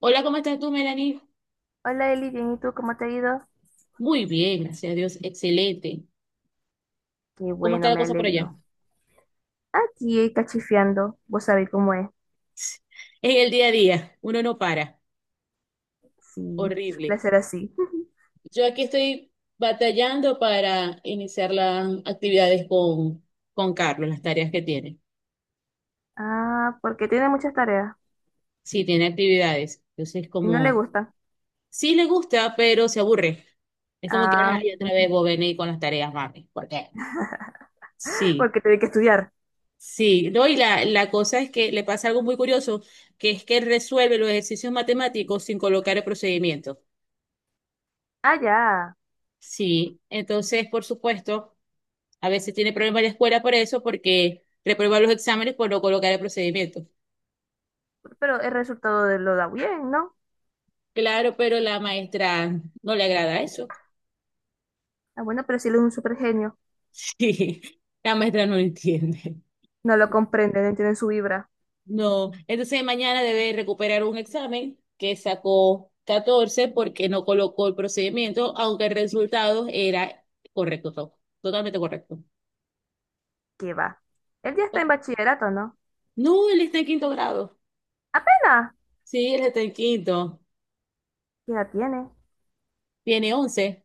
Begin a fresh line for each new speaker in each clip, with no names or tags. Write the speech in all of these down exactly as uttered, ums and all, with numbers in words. Hola, ¿cómo estás tú, Melanie?
Hola Eli, bien, ¿y tú cómo te ha ido?
Muy bien, gracias a Dios, excelente.
Qué
¿Cómo está
bueno,
la
me
cosa por allá?
alegro. Aquí eh, cachifiando, vos sabés cómo es.
En el día a día, uno no para,
Sí,
horrible.
suele ser así.
Yo aquí estoy batallando para iniciar las actividades con, con Carlos, las tareas que tiene.
Ah, porque tiene muchas tareas
Sí, tiene actividades. Entonces,
y no le
como,
gustan.
sí le gusta, pero se aburre. Es como que,
Ah,
ay, otra vez vos venís con las tareas, mami. ¿Por qué? Sí.
porque tiene que estudiar.
Sí, no, y la, la cosa es que le pasa algo muy curioso, que es que él resuelve los ejercicios matemáticos sin colocar el procedimiento.
Ah, ya.
Sí, entonces, por supuesto, a veces tiene problemas la escuela por eso, porque reprueba los exámenes por no colocar el procedimiento.
Pero el resultado de lo da bien, ¿no?
Claro, pero la maestra no le agrada eso.
Ah, bueno, pero si él es un super genio.
Sí, la maestra no lo entiende.
No lo comprende, no entiende su vibra.
No, entonces mañana debe recuperar un examen que sacó catorce porque no colocó el procedimiento, aunque el resultado era correcto, to- totalmente correcto.
¿Qué va? Él ya está en
Pero-
bachillerato, ¿no?
no, él está en quinto grado.
Apenas.
Sí, él está en quinto.
¿Qué edad tiene?
Tiene once.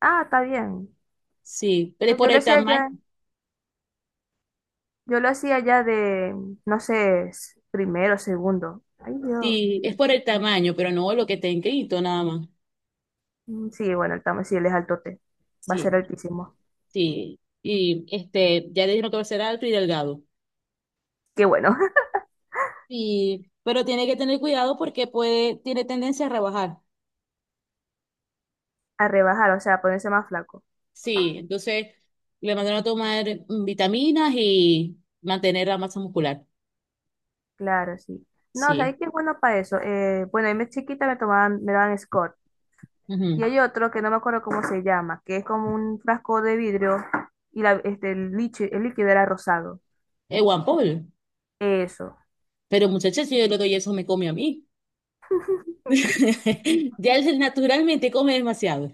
Ah, está bien.
Sí, pero es
Pero
por
yo lo
el
hacía
tamaño.
ya. Yo lo hacía ya de, no sé, s- primero, segundo. Ay, Dios.
Sí, es por el tamaño, pero no lo que está en quinto nada más.
Mm, sí, bueno, el tamaño, sí, él es altote. Va a
Sí,
ser altísimo.
sí. Y este, ya le dijeron que va a ser alto y delgado.
Qué bueno.
Y, pero tiene que tener cuidado porque puede, tiene tendencia a rebajar.
A rebajar, o sea, a ponerse más flaco.
Sí, entonces le mandaron a tomar mm, vitaminas y mantener la masa muscular.
Claro, sí. No,
Sí.
¿sabes qué es bueno para eso? Eh, bueno, a mí chiquita me tomaban, me daban Scott. Y
Ujú.
hay otro que no me acuerdo cómo se llama, que es como un frasco de vidrio y la, este, el, lichi- el líquido era rosado.
Es Juan Paul.
Eso.
Pero muchacha, si yo le doy eso, me come a mí. Ya él naturalmente come demasiado.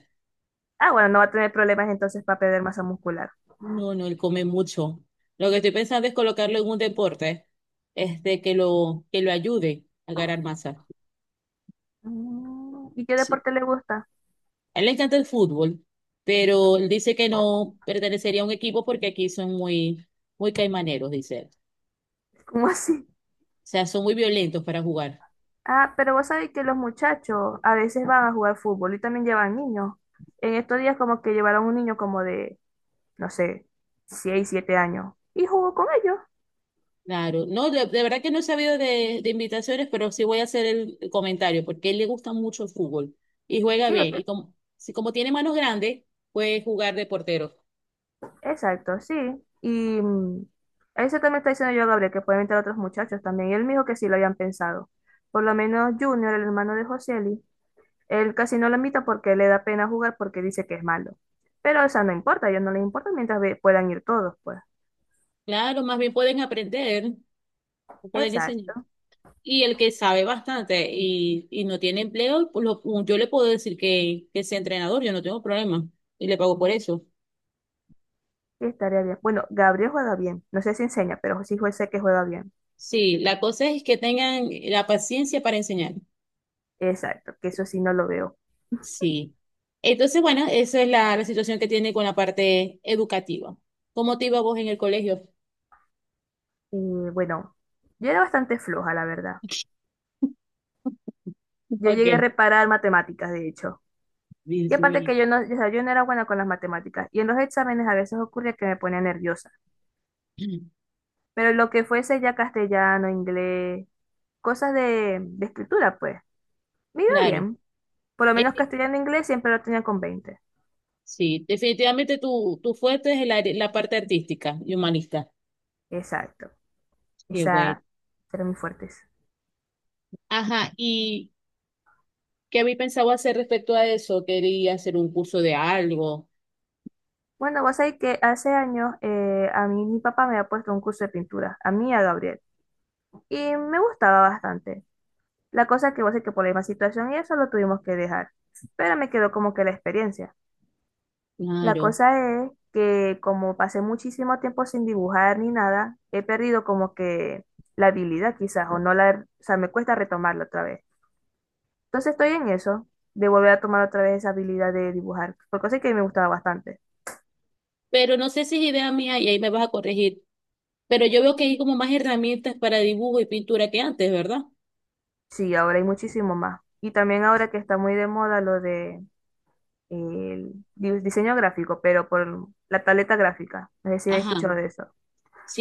Ah, bueno, no va a tener problemas entonces para perder masa muscular.
No, no, él come mucho. Lo que estoy pensando es colocarlo en un deporte, este, que lo, que lo ayude a ganar masa.
Mm, ¿y qué
Sí.
deporte le gusta?
A él le encanta el fútbol, pero él dice que no pertenecería a un equipo porque aquí son muy, muy caimaneros, dice él.
¿Cómo así?
Sea, son muy violentos para jugar.
Ah, pero vos sabés que los muchachos a veces van a jugar fútbol y también llevan niños. En estos días como que llevaron un niño como de, no sé, seis siete años y jugó con ellos.
Claro, no, de, de verdad que no he sabido de, de invitaciones, pero sí voy a hacer el, el comentario, porque a él le gusta mucho el fútbol y juega
Sí, es
bien. Y
que-
como, si como tiene manos grandes, puede jugar de portero.
exacto, sí. Y mm, eso también está diciendo yo a Gabriel, que pueden entrar otros muchachos también. Y él me dijo que sí lo habían pensado. Por lo menos Junior, el hermano de Joseli, él casi no lo invita porque le da pena jugar porque dice que es malo. Pero eso no importa, a ellos no les importa mientras ve- puedan ir todos, pues.
Claro, más bien pueden aprender, o pueden enseñar.
Exacto.
Y el que sabe bastante y, y no tiene empleo, pues lo- yo le puedo decir que, que sea entrenador, yo no tengo problema y le pago por eso.
Sí, estaría bien. Bueno, Gabriel juega bien. No sé si enseña, pero sí jue- sé que juega bien.
Sí, la cosa es que tengan la paciencia para enseñar.
Exacto, que eso sí no lo veo.
Sí. Entonces, bueno, esa es la, la situación que tiene con la parte educativa. ¿Cómo te iba vos en el colegio?
Y bueno, yo era bastante floja, la verdad. Yo
¿Para
llegué a
qué?
reparar matemáticas, de hecho. Y
Dios
aparte
mío.
que yo no, o sea, yo no era buena con las matemáticas. Y en los exámenes a veces ocurría que me ponía nerviosa. Pero lo que fuese ya castellano, inglés, cosas de, de escritura, pues, me iba
Claro.
bien. Por lo menos
Eh,
castellano e inglés siempre lo tenía con veinte.
sí, definitivamente tu, tu fuerte es la, la parte artística y humanista.
Exacto.
Qué bueno.
Esa eran mis fuertes.
Ajá, ¿y qué habéis pensado hacer respecto a eso? Quería hacer un curso de algo,
Bueno, vos sabés que hace años eh, a mí mi papá me ha puesto un curso de pintura, a mí y a Gabriel, y me gustaba bastante. La cosa es que vos sabés que por la misma situación y eso lo tuvimos que dejar, pero me quedó como que la experiencia. La
claro.
cosa es que como pasé muchísimo tiempo sin dibujar ni nada, he perdido como que la habilidad quizás, o no la, o sea, me cuesta retomarla otra vez. Entonces estoy en eso, de volver a tomar otra vez esa habilidad de dibujar, porque sé que me gustaba bastante.
Pero no sé si es idea mía y ahí me vas a corregir. Pero yo veo que hay como más herramientas para dibujo y pintura que antes, ¿verdad?
Sí, ahora hay muchísimo más. Y también ahora que está muy de moda lo de el di- diseño gráfico, pero por la tableta gráfica. No sé si habéis
Ajá,
escuchado de eso,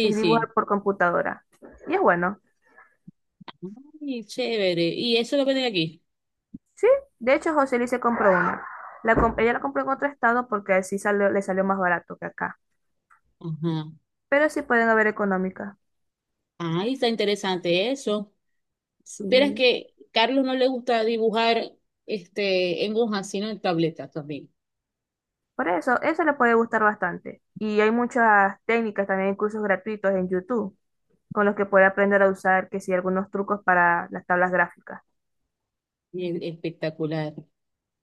que es dibujar
sí.
por computadora. Y es bueno.
Ay, chévere. Y eso lo venden aquí.
Sí, de hecho José Luis se compró una. La com- ella la compró en otro estado porque así salió, le salió más barato que acá.
Ajá.
Pero sí pueden haber económicas.
Ay, está interesante eso. Supieras
Y
que Carlos no le gusta dibujar este en hojas, sino en tabletas también.
por eso, eso le puede gustar bastante. Y hay muchas técnicas, también hay cursos gratuitos en YouTube con los que puede aprender a usar, que sí, algunos trucos para las tablas gráficas.
Bien, espectacular.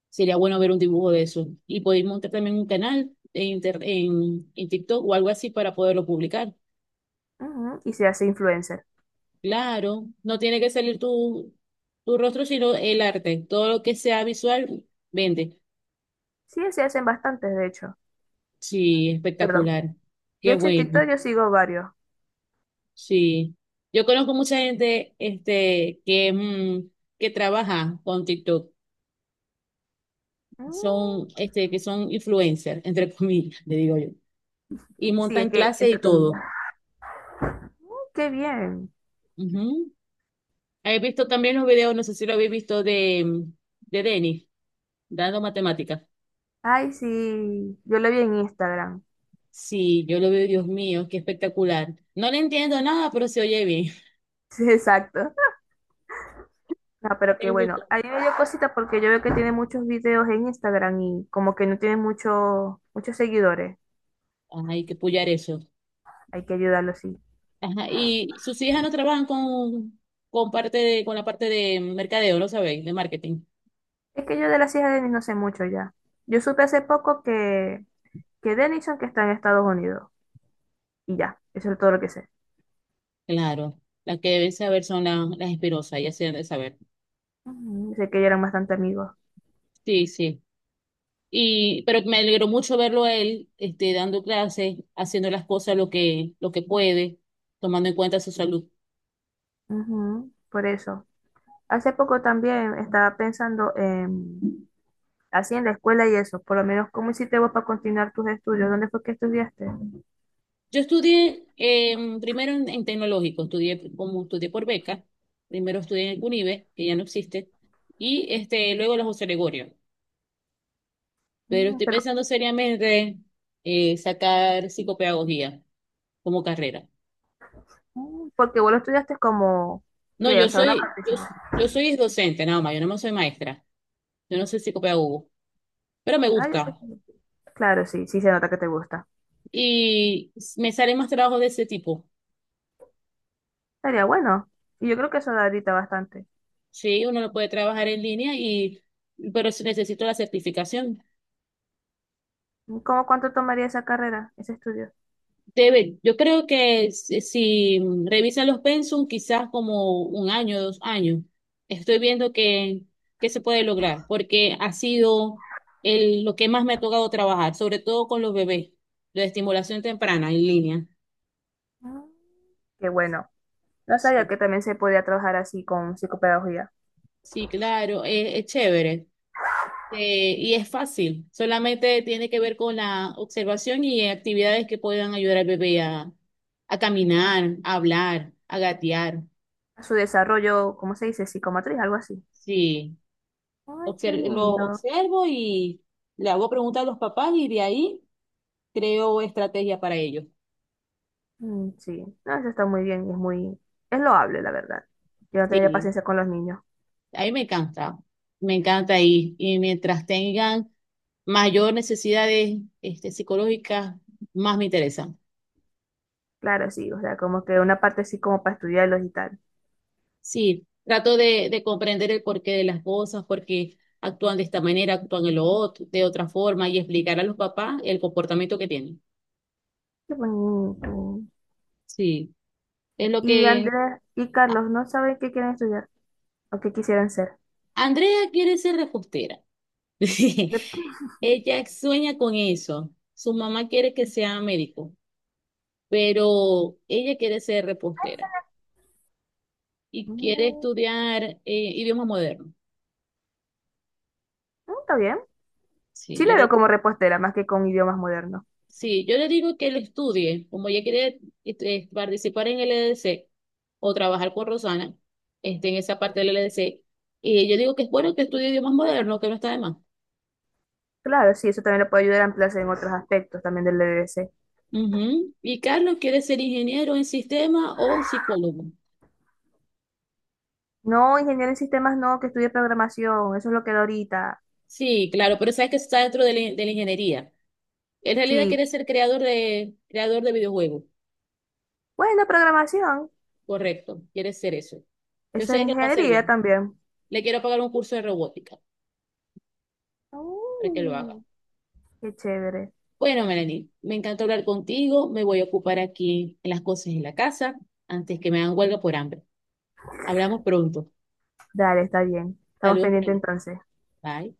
Sería bueno ver un dibujo de eso. Y poder montar también un canal en, inter- en, en TikTok o algo así para poderlo publicar.
Ujú, y se hace influencer.
Claro, no tiene que salir tu, tu rostro, sino el arte. Todo lo que sea visual, vende.
Sí, se hacen bastantes, de hecho.
Sí,
Perdón.
espectacular.
De
Qué
hecho, en TikTok
bueno.
yo sigo varios.
Sí, yo conozco mucha gente este, que, mm, que trabaja con TikTok,
Mm,
son, este, que son influencers, entre comillas, le digo yo, y
sí, es
montan
que,
clases y
entre comillas.
todo.
¡Qué bien!
Ujú. He visto también los videos, no sé si lo habéis visto, de, mm, de Denis, dando matemáticas.
Ay, sí. Yo lo vi en Instagram.
Sí, yo lo veo, Dios mío, qué espectacular. No le entiendo nada, pero se oye bien.
Sí, exacto. No, pero qué
Es muy
bueno. A
cómico.
mí me dio cosita porque yo veo que tiene muchos videos en Instagram y como que no tiene mucho, muchos seguidores.
Ay, que puyar eso.
Hay que ayudarlo, sí.
Ajá, y sus hijas no trabajan con, con parte de, con la parte de mercadeo, ¿lo sabéis? De marketing.
Es que yo de las hijas de Denis no sé mucho ya. Yo supe hace poco que, que Denison que está en Estados Unidos. Y ya, eso es todo lo que sé.
Claro. Las que deben saber son la- las espirosas, ya se deben saber.
Ujú, sé que ya eran bastante amigos.
Sí, sí. Y, pero me alegró mucho verlo a él, este, dando clases, haciendo las cosas lo que, lo que puede, tomando en cuenta su salud.
Ujú, por eso. Hace poco también estaba pensando en, así en la escuela y eso, por lo menos, ¿cómo hiciste vos para continuar tus estudios? ¿Dónde fue que estudiaste?
Yo estudié eh, primero en, en tecnológico, estudié como estudié por beca, primero estudié en el CUNIVE, que ya no existe, y este, luego en la José Gregorio. Pero
Mm,
estoy
pero,
pensando seriamente eh, sacar psicopedagogía como carrera.
mm, porque vos lo estudiaste como,
No,
¿qué?
yo
O sea, una
soy, yo,
participación.
yo soy docente nada más, yo no me soy maestra, yo no soy psicopedagogo, pero me
Ah, ya, pues,
gusta
claro, sí, sí se nota que te gusta.
y me salen más trabajos de ese tipo.
Estaría bueno. Y yo creo que eso da ahorita bastante.
Sí, uno lo puede trabajar en línea y, pero si necesito la certificación.
¿Cómo cuánto tomaría esa carrera, ese estudio?
Debe, yo creo que si, si mm, revisa los pensum, quizás como un año, dos años, estoy viendo que, que se puede lograr, porque ha sido el, lo que más me ha tocado trabajar, sobre todo con los bebés, la estimulación temprana en línea.
Mm, qué bueno. No sabía
Sí,
que también se podía trabajar así con psicopedagogía.
sí, claro, es, es chévere, eh, y es fácil, solamente tiene que ver con la observación y actividades que puedan ayudar al bebé a, a caminar, a hablar, a gatear.
A su desarrollo, ¿cómo se dice? Psicomotriz, algo así.
Sí.
Ay, qué
obser- lo
lindo.
observo y le hago preguntas a los papás y de ahí creo estrategia para ellos.
Mm, sí, no, eso está muy bien y es muy, es loable, la verdad. Yo no tendría
Sí,
paciencia con los niños.
ahí me encanta, me encanta ahí y mientras tengan mayor necesidades este, psicológicas, más me interesan.
Claro, sí, o sea, como que una parte así como para estudiarlos y tal.
Sí, trato de, de comprender el porqué de las cosas, por qué actúan de esta manera, actúan de lo otro, de otra forma y explicar a los papás el comportamiento que tienen.
Qué bonito.
Sí, es lo
Y
que
Andrés y Carlos no saben qué quieren estudiar o qué quisieran ser.
Andrea quiere ser repostera.
De-
Ella sueña con eso. Su mamá quiere que sea médico, pero ella quiere ser repostera y quiere
mm,
estudiar eh, idioma moderno.
está bien.
Sí,
Sí
yo
le veo
le,
como repostera, más que con idiomas modernos.
sí, yo le digo que lo estudie, como ella quiere este, participar en el E D C o trabajar con Rosana, este, en esa parte del E D C. Y yo digo que es bueno que estudie idiomas modernos, que no está de más.
Claro, sí, eso también le puede ayudar a ampliarse en otros aspectos también del D D C.
Ujú. Y Carlos quiere ser ingeniero en sistema o psicólogo.
No, ingeniero en sistemas no, que estudie programación, eso es lo que da ahorita.
Sí, claro, pero sabes que eso está dentro de la, de la ingeniería. En realidad
Sí,
quiere ser creador de, creador de videojuegos,
bueno, programación,
correcto, quiere ser eso. Yo
eso es
sé que lo va a hacer
ingeniería
bien.
también.
Le quiero pagar un curso de robótica para que lo haga.
Mm, qué chévere.
Bueno, Melanie, me encantó hablar contigo. Me voy a ocupar aquí en las cosas en la casa antes que me hagan huelga por hambre. Hablamos pronto.
Dale, está bien. Estamos
Saludos por
pendientes
allá.
entonces.
Bye.